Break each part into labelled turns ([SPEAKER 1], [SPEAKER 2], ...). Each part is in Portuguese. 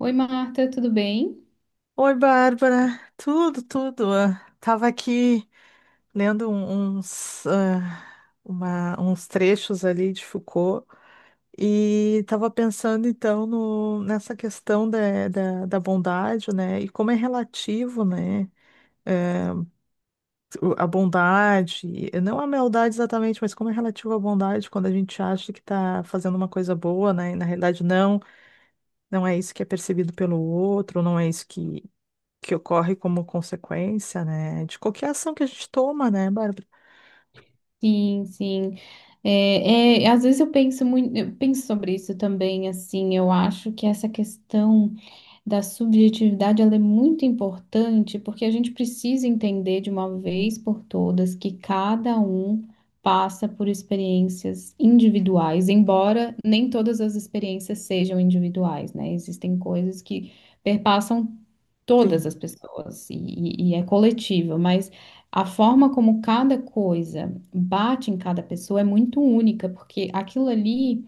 [SPEAKER 1] Oi, Marta, tudo bem?
[SPEAKER 2] Oi, Bárbara. Tudo, tudo. Ah, tava aqui lendo uns trechos ali de Foucault e tava pensando então nessa questão da bondade, né? E como é relativo, né? eh, a bondade, não a maldade exatamente, mas como é relativo à bondade quando a gente acha que está fazendo uma coisa boa, né? E na realidade não, não é isso que é percebido pelo outro, não é isso que ocorre como consequência, né, de qualquer ação que a gente toma, né, Bárbara?
[SPEAKER 1] Sim, sim. É, às vezes eu penso muito, eu penso sobre isso também, assim, eu acho que essa questão da subjetividade, ela é muito importante, porque a gente precisa entender de uma vez por todas que cada um passa por experiências individuais, embora nem todas as experiências sejam individuais, né? Existem coisas que perpassam todas
[SPEAKER 2] Sim.
[SPEAKER 1] as pessoas é coletiva, mas a forma como cada coisa bate em cada pessoa é muito única, porque aquilo ali,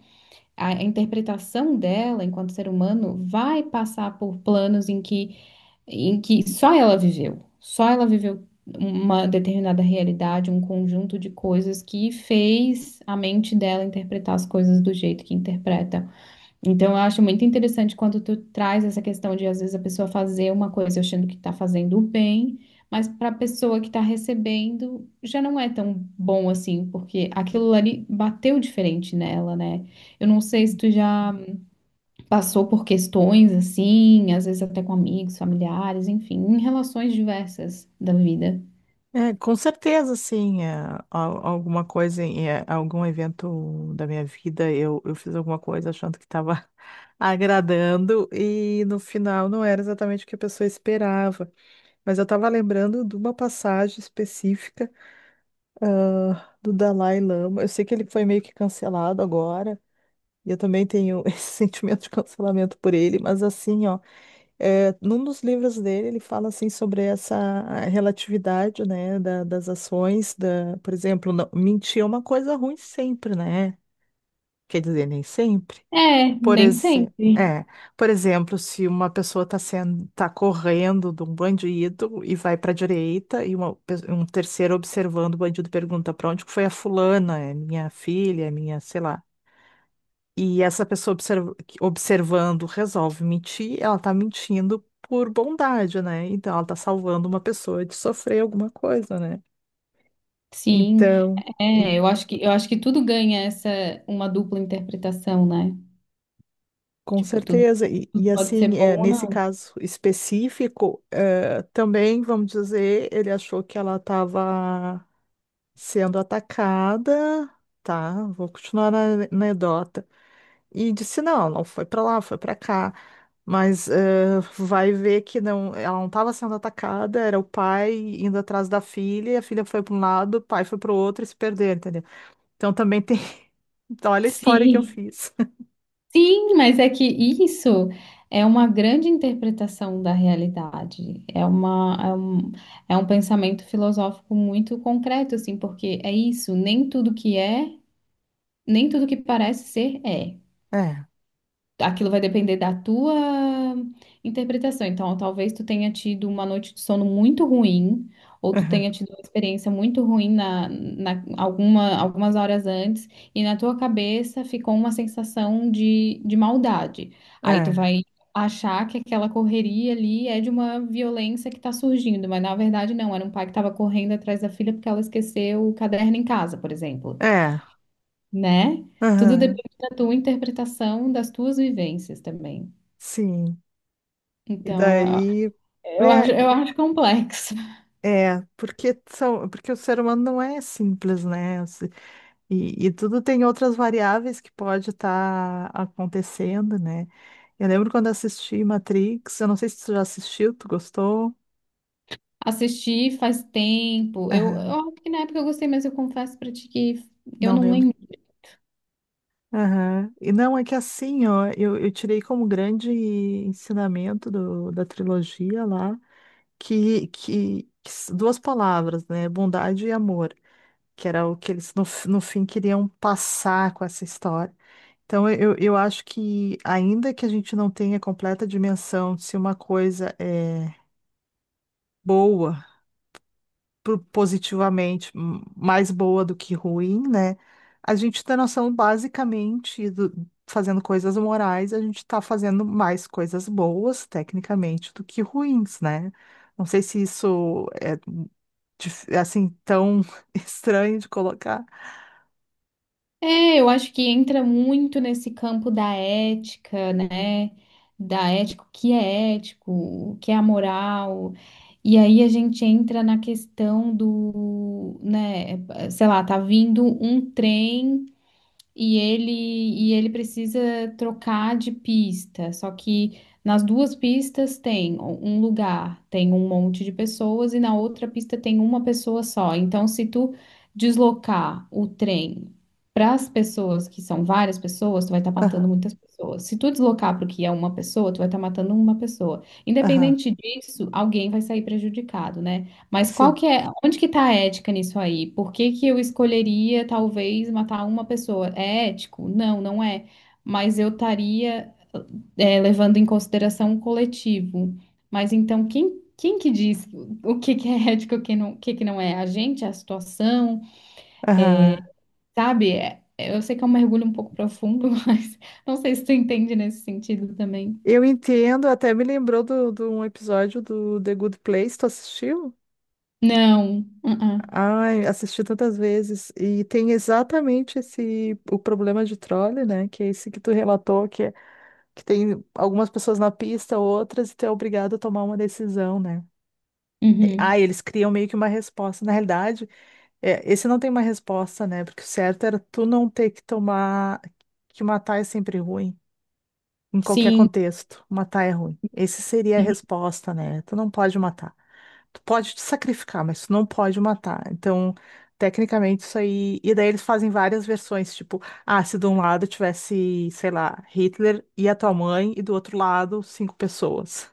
[SPEAKER 1] a interpretação dela enquanto ser humano vai passar por planos em que só ela viveu uma determinada realidade, um conjunto de coisas que fez a mente dela interpretar as coisas do jeito que interpreta. Então, eu acho muito interessante quando tu traz essa questão de, às vezes, a pessoa fazer uma coisa achando que está fazendo o bem, mas para a pessoa que está recebendo, já não é tão bom assim, porque aquilo ali bateu diferente nela, né? Eu não sei se tu já passou por questões assim, às vezes até com amigos, familiares, enfim, em relações diversas da vida.
[SPEAKER 2] É, com certeza, sim, é, alguma coisa, algum evento da minha vida, eu fiz alguma coisa achando que estava agradando e no final não era exatamente o que a pessoa esperava. Mas eu estava lembrando de uma passagem específica, do Dalai Lama. Eu sei que ele foi meio que cancelado agora, e eu também tenho esse sentimento de cancelamento por ele, mas assim, ó. É, num dos livros dele, ele fala assim sobre essa relatividade, né, das ações, da, por exemplo, mentir é uma coisa ruim sempre, né? Quer dizer, nem sempre.
[SPEAKER 1] É,
[SPEAKER 2] Por
[SPEAKER 1] nem
[SPEAKER 2] exemplo,
[SPEAKER 1] sempre.
[SPEAKER 2] é, por exemplo, se uma pessoa está sendo, tá correndo de um bandido e vai para a direita e um terceiro observando o bandido pergunta para onde que foi a fulana, é minha filha, é minha, sei lá. E essa pessoa observando resolve mentir, ela tá mentindo por bondade, né? Então ela tá salvando uma pessoa de sofrer alguma coisa, né?
[SPEAKER 1] Sim,
[SPEAKER 2] Então. Hum.
[SPEAKER 1] é, eu acho que tudo ganha uma dupla interpretação, né?
[SPEAKER 2] Com
[SPEAKER 1] Tipo, tudo,
[SPEAKER 2] certeza. E, e
[SPEAKER 1] tudo pode ser
[SPEAKER 2] assim,
[SPEAKER 1] bom ou
[SPEAKER 2] nesse
[SPEAKER 1] não.
[SPEAKER 2] caso específico, também, vamos dizer, ele achou que ela estava sendo atacada, tá? Vou continuar na anedota. E disse, não, não foi para lá, foi para cá. Mas vai ver que não, ela não estava sendo atacada, era o pai indo atrás da filha, e a filha foi para um lado, o pai foi para o outro e se perdeu, entendeu? Então também tem. Então, olha a história que eu
[SPEAKER 1] Sim,
[SPEAKER 2] fiz.
[SPEAKER 1] sim, mas é que isso é uma grande interpretação da realidade. É um pensamento filosófico muito concreto, assim, porque é isso, nem tudo que parece ser é.
[SPEAKER 2] É,
[SPEAKER 1] Aquilo vai depender da tua interpretação. Então, talvez tu tenha tido uma noite de sono muito ruim, ou tu
[SPEAKER 2] aham,
[SPEAKER 1] tenha tido uma experiência muito ruim na algumas horas antes, e na tua cabeça ficou uma sensação de maldade. Aí tu
[SPEAKER 2] é,
[SPEAKER 1] vai achar que aquela correria ali é de uma violência que está surgindo, mas na verdade não, era um pai que estava correndo atrás da filha porque ela esqueceu o caderno em casa, por exemplo,
[SPEAKER 2] é,
[SPEAKER 1] né? Tudo
[SPEAKER 2] aham,
[SPEAKER 1] depende da tua interpretação, das tuas vivências também.
[SPEAKER 2] sim. E
[SPEAKER 1] Então, é-
[SPEAKER 2] daí.
[SPEAKER 1] eu acho,
[SPEAKER 2] É,
[SPEAKER 1] eu acho complexo.
[SPEAKER 2] é, porque o ser humano não é simples, né? E tudo tem outras variáveis que pode estar acontecendo, né? Eu lembro quando assisti Matrix, eu não sei se tu já assistiu, tu gostou?
[SPEAKER 1] Assisti faz tempo. Eu
[SPEAKER 2] Aham,
[SPEAKER 1] acho que na época eu gostei, mas eu confesso pra ti que eu
[SPEAKER 2] não
[SPEAKER 1] não
[SPEAKER 2] lembro.
[SPEAKER 1] lembro.
[SPEAKER 2] Aham. E não, é que assim, ó, eu tirei como grande ensinamento da trilogia lá, duas palavras, né? Bondade e amor, que era o que eles no fim queriam passar com essa história. Então, eu acho que, ainda que a gente não tenha completa dimensão de se uma coisa é boa, positivamente mais boa do que ruim, né? A gente tem noção, basicamente, fazendo coisas morais, a gente está fazendo mais coisas boas, tecnicamente, do que ruins, né? Não sei se isso é, assim tão estranho de colocar.
[SPEAKER 1] É, eu acho que entra muito nesse campo da ética, né? Da ética, o que é ético, o que é amoral. E aí a gente entra na questão do, né, sei lá, tá vindo um trem. E ele precisa trocar de pista. Só que nas duas pistas tem um lugar, tem um monte de pessoas e na outra pista tem uma pessoa só. Então, se tu deslocar o trem para as pessoas que são várias pessoas, tu vai estar matando
[SPEAKER 2] Aham,
[SPEAKER 1] muitas pessoas. Se tu deslocar para o que é uma pessoa, tu vai estar matando uma pessoa.
[SPEAKER 2] aham,
[SPEAKER 1] Independente disso, alguém vai sair prejudicado, né? Mas qual
[SPEAKER 2] sim.
[SPEAKER 1] que é, onde que tá a ética nisso aí? Por que que eu escolheria talvez matar uma pessoa? É ético? Não, não é. Mas eu estaria levando em consideração o coletivo. Mas então quem que diz o que que é ético, e o que não, o que que não é? A gente, a situação,
[SPEAKER 2] Aham.
[SPEAKER 1] sabe? Eu sei que é um mergulho um pouco profundo, mas não sei se tu entende nesse sentido também.
[SPEAKER 2] Eu entendo, até me lembrou do um episódio do The Good Place, tu assistiu?
[SPEAKER 1] Não. Uh-uh.
[SPEAKER 2] Ai, assisti tantas vezes. E tem exatamente esse o problema de trole, né? Que é esse que tu relatou, que tem algumas pessoas na pista, outras, e tu é obrigado a tomar uma decisão, né? E- Ah,
[SPEAKER 1] Uhum.
[SPEAKER 2] eles criam meio que uma resposta. Na realidade, esse não tem uma resposta, né? Porque o certo era tu não ter que tomar, que matar é sempre ruim em qualquer
[SPEAKER 1] Sim.
[SPEAKER 2] contexto. Matar é ruim. Essa seria a resposta, né? Tu não pode matar. Tu pode te sacrificar, mas tu não pode matar. Então, tecnicamente, isso aí. E daí eles fazem várias versões, tipo, se de um lado tivesse, sei lá, Hitler e a tua mãe, e do outro lado, cinco pessoas.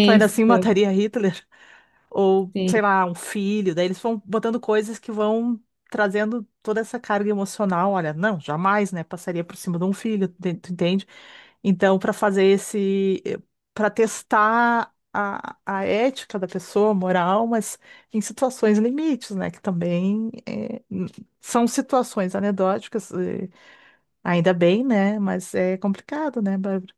[SPEAKER 2] Tu ainda assim mataria Hitler? Ou,
[SPEAKER 1] Sim.
[SPEAKER 2] sei lá, um filho. Daí eles vão botando coisas que vão trazendo toda essa carga emocional. Olha, não, jamais, né? Passaria por cima de um filho, tu entende? Então, para fazer esse, para testar a ética da pessoa, a moral, mas em situações limites, né? Que também são situações anedóticas, ainda bem, né? Mas é complicado, né, Bárbara?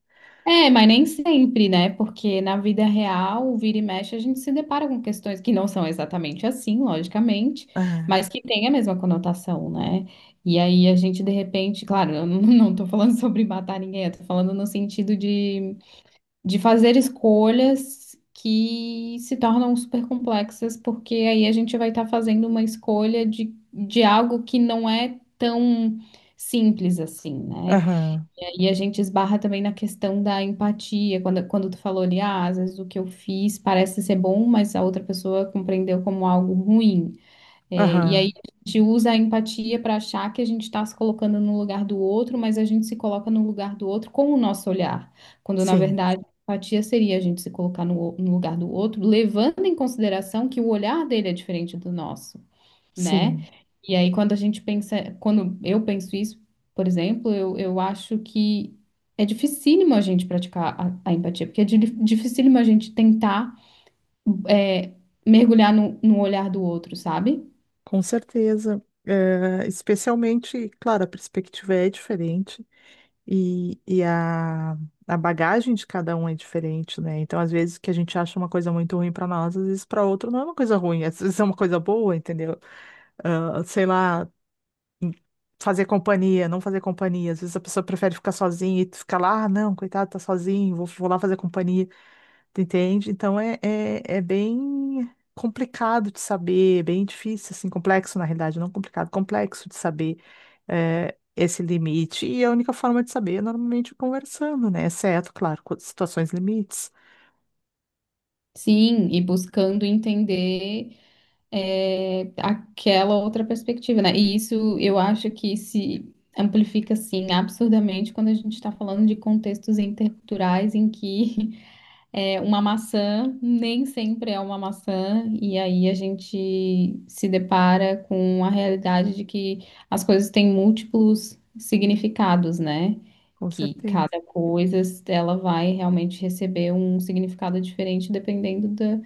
[SPEAKER 1] É, mas nem sempre, né? Porque na vida real, vira e mexe, a gente se depara com questões que não são exatamente assim, logicamente, mas
[SPEAKER 2] Ah,
[SPEAKER 1] que têm a mesma conotação, né? E aí a gente, de repente, claro, eu não não tô falando sobre matar ninguém, eu tô falando no sentido de fazer escolhas que se tornam super complexas, porque aí a gente vai estar fazendo uma escolha de algo que não é tão simples assim, né?
[SPEAKER 2] Aham,
[SPEAKER 1] E a gente esbarra também na questão da empatia, quando tu falou ali, ah, às vezes o que eu fiz parece ser bom, mas a outra pessoa compreendeu como algo ruim. É, e aí
[SPEAKER 2] aham,
[SPEAKER 1] a gente usa a empatia para achar que a gente está se colocando no lugar do outro, mas a gente se coloca no lugar do outro com o nosso olhar, quando na
[SPEAKER 2] sim,
[SPEAKER 1] verdade a empatia seria a gente se colocar no lugar do outro, levando em consideração que o olhar dele é diferente do nosso, né?
[SPEAKER 2] sim,
[SPEAKER 1] E aí, quando a gente pensa, quando eu penso isso, por exemplo, eu acho que é dificílimo a gente praticar a empatia, porque é dificílimo a gente tentar é, mergulhar no olhar do outro, sabe?
[SPEAKER 2] com certeza. Especialmente, claro, a perspectiva é diferente. E a bagagem de cada um é diferente, né? Então, às vezes, que a gente acha uma coisa muito ruim para nós, às vezes para outro não é uma coisa ruim, às vezes é uma coisa boa, entendeu? Ah, sei lá, fazer companhia, não fazer companhia. Às vezes a pessoa prefere ficar sozinha e tu fica lá, não, coitado, tá sozinho, vou lá fazer companhia. Entende? Então é bem complicado de saber, é bem difícil, assim, complexo na realidade, não complicado, complexo de saber é, esse limite. E a única forma de saber é normalmente conversando, né? Exceto, claro, com situações limites,
[SPEAKER 1] Sim, e buscando entender aquela outra perspectiva, né? E isso eu acho que se amplifica, assim, absurdamente quando a gente está falando de contextos interculturais em que é, uma maçã nem sempre é uma maçã, e aí a gente se depara com a realidade de que as coisas têm múltiplos significados, né?
[SPEAKER 2] com
[SPEAKER 1] Que
[SPEAKER 2] certeza.
[SPEAKER 1] cada coisa ela vai realmente receber um significado diferente dependendo da,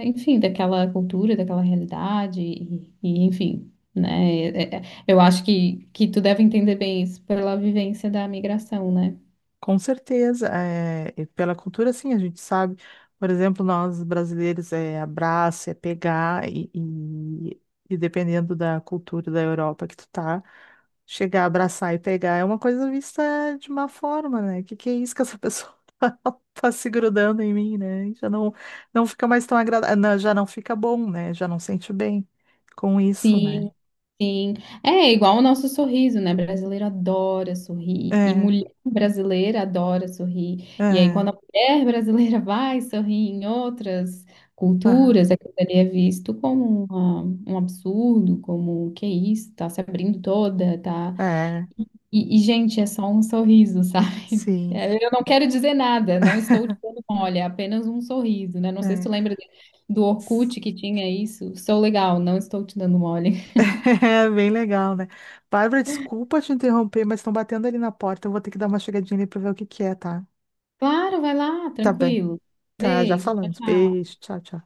[SPEAKER 1] é, enfim, daquela cultura, daquela realidade, e enfim, né? Eu acho que tu deve entender bem isso pela vivência da migração, né?
[SPEAKER 2] Com certeza, e pela cultura, sim, a gente sabe. Por exemplo, nós brasileiros é abraço, é pegar, e dependendo da cultura da Europa que tu tá, chegar, abraçar e pegar é uma coisa vista de má forma, né? Que é isso que essa pessoa tá se grudando em mim, né? Já não, não fica mais tão agradável, já não fica bom, né? Já não sente bem com isso, né?
[SPEAKER 1] Sim, sim. É igual o nosso sorriso, né? Brasileiro adora sorrir. E
[SPEAKER 2] É,
[SPEAKER 1] mulher brasileira adora sorrir. E aí, quando
[SPEAKER 2] é,
[SPEAKER 1] a mulher brasileira vai sorrir em outras
[SPEAKER 2] aham,
[SPEAKER 1] culturas, aquilo ali é visto como um absurdo, como que isso, tá se abrindo toda, tá.
[SPEAKER 2] é,
[SPEAKER 1] E, gente, é só um sorriso, sabe?
[SPEAKER 2] sim.
[SPEAKER 1] É, eu não quero dizer nada, não estou te dando mole, é apenas um sorriso, né? Não sei se tu
[SPEAKER 2] É.
[SPEAKER 1] lembra do Orkut que tinha isso. Sou legal, não estou te dando mole.
[SPEAKER 2] É bem legal, né? Bárbara, desculpa te interromper, mas estão batendo ali na porta. Eu vou ter que dar uma chegadinha ali pra ver o que que é, tá?
[SPEAKER 1] Claro, vai lá,
[SPEAKER 2] Tá bem.
[SPEAKER 1] tranquilo.
[SPEAKER 2] Tá, já
[SPEAKER 1] Beijo, tchau,
[SPEAKER 2] falamos.
[SPEAKER 1] tchau.
[SPEAKER 2] Beijo, tchau, tchau.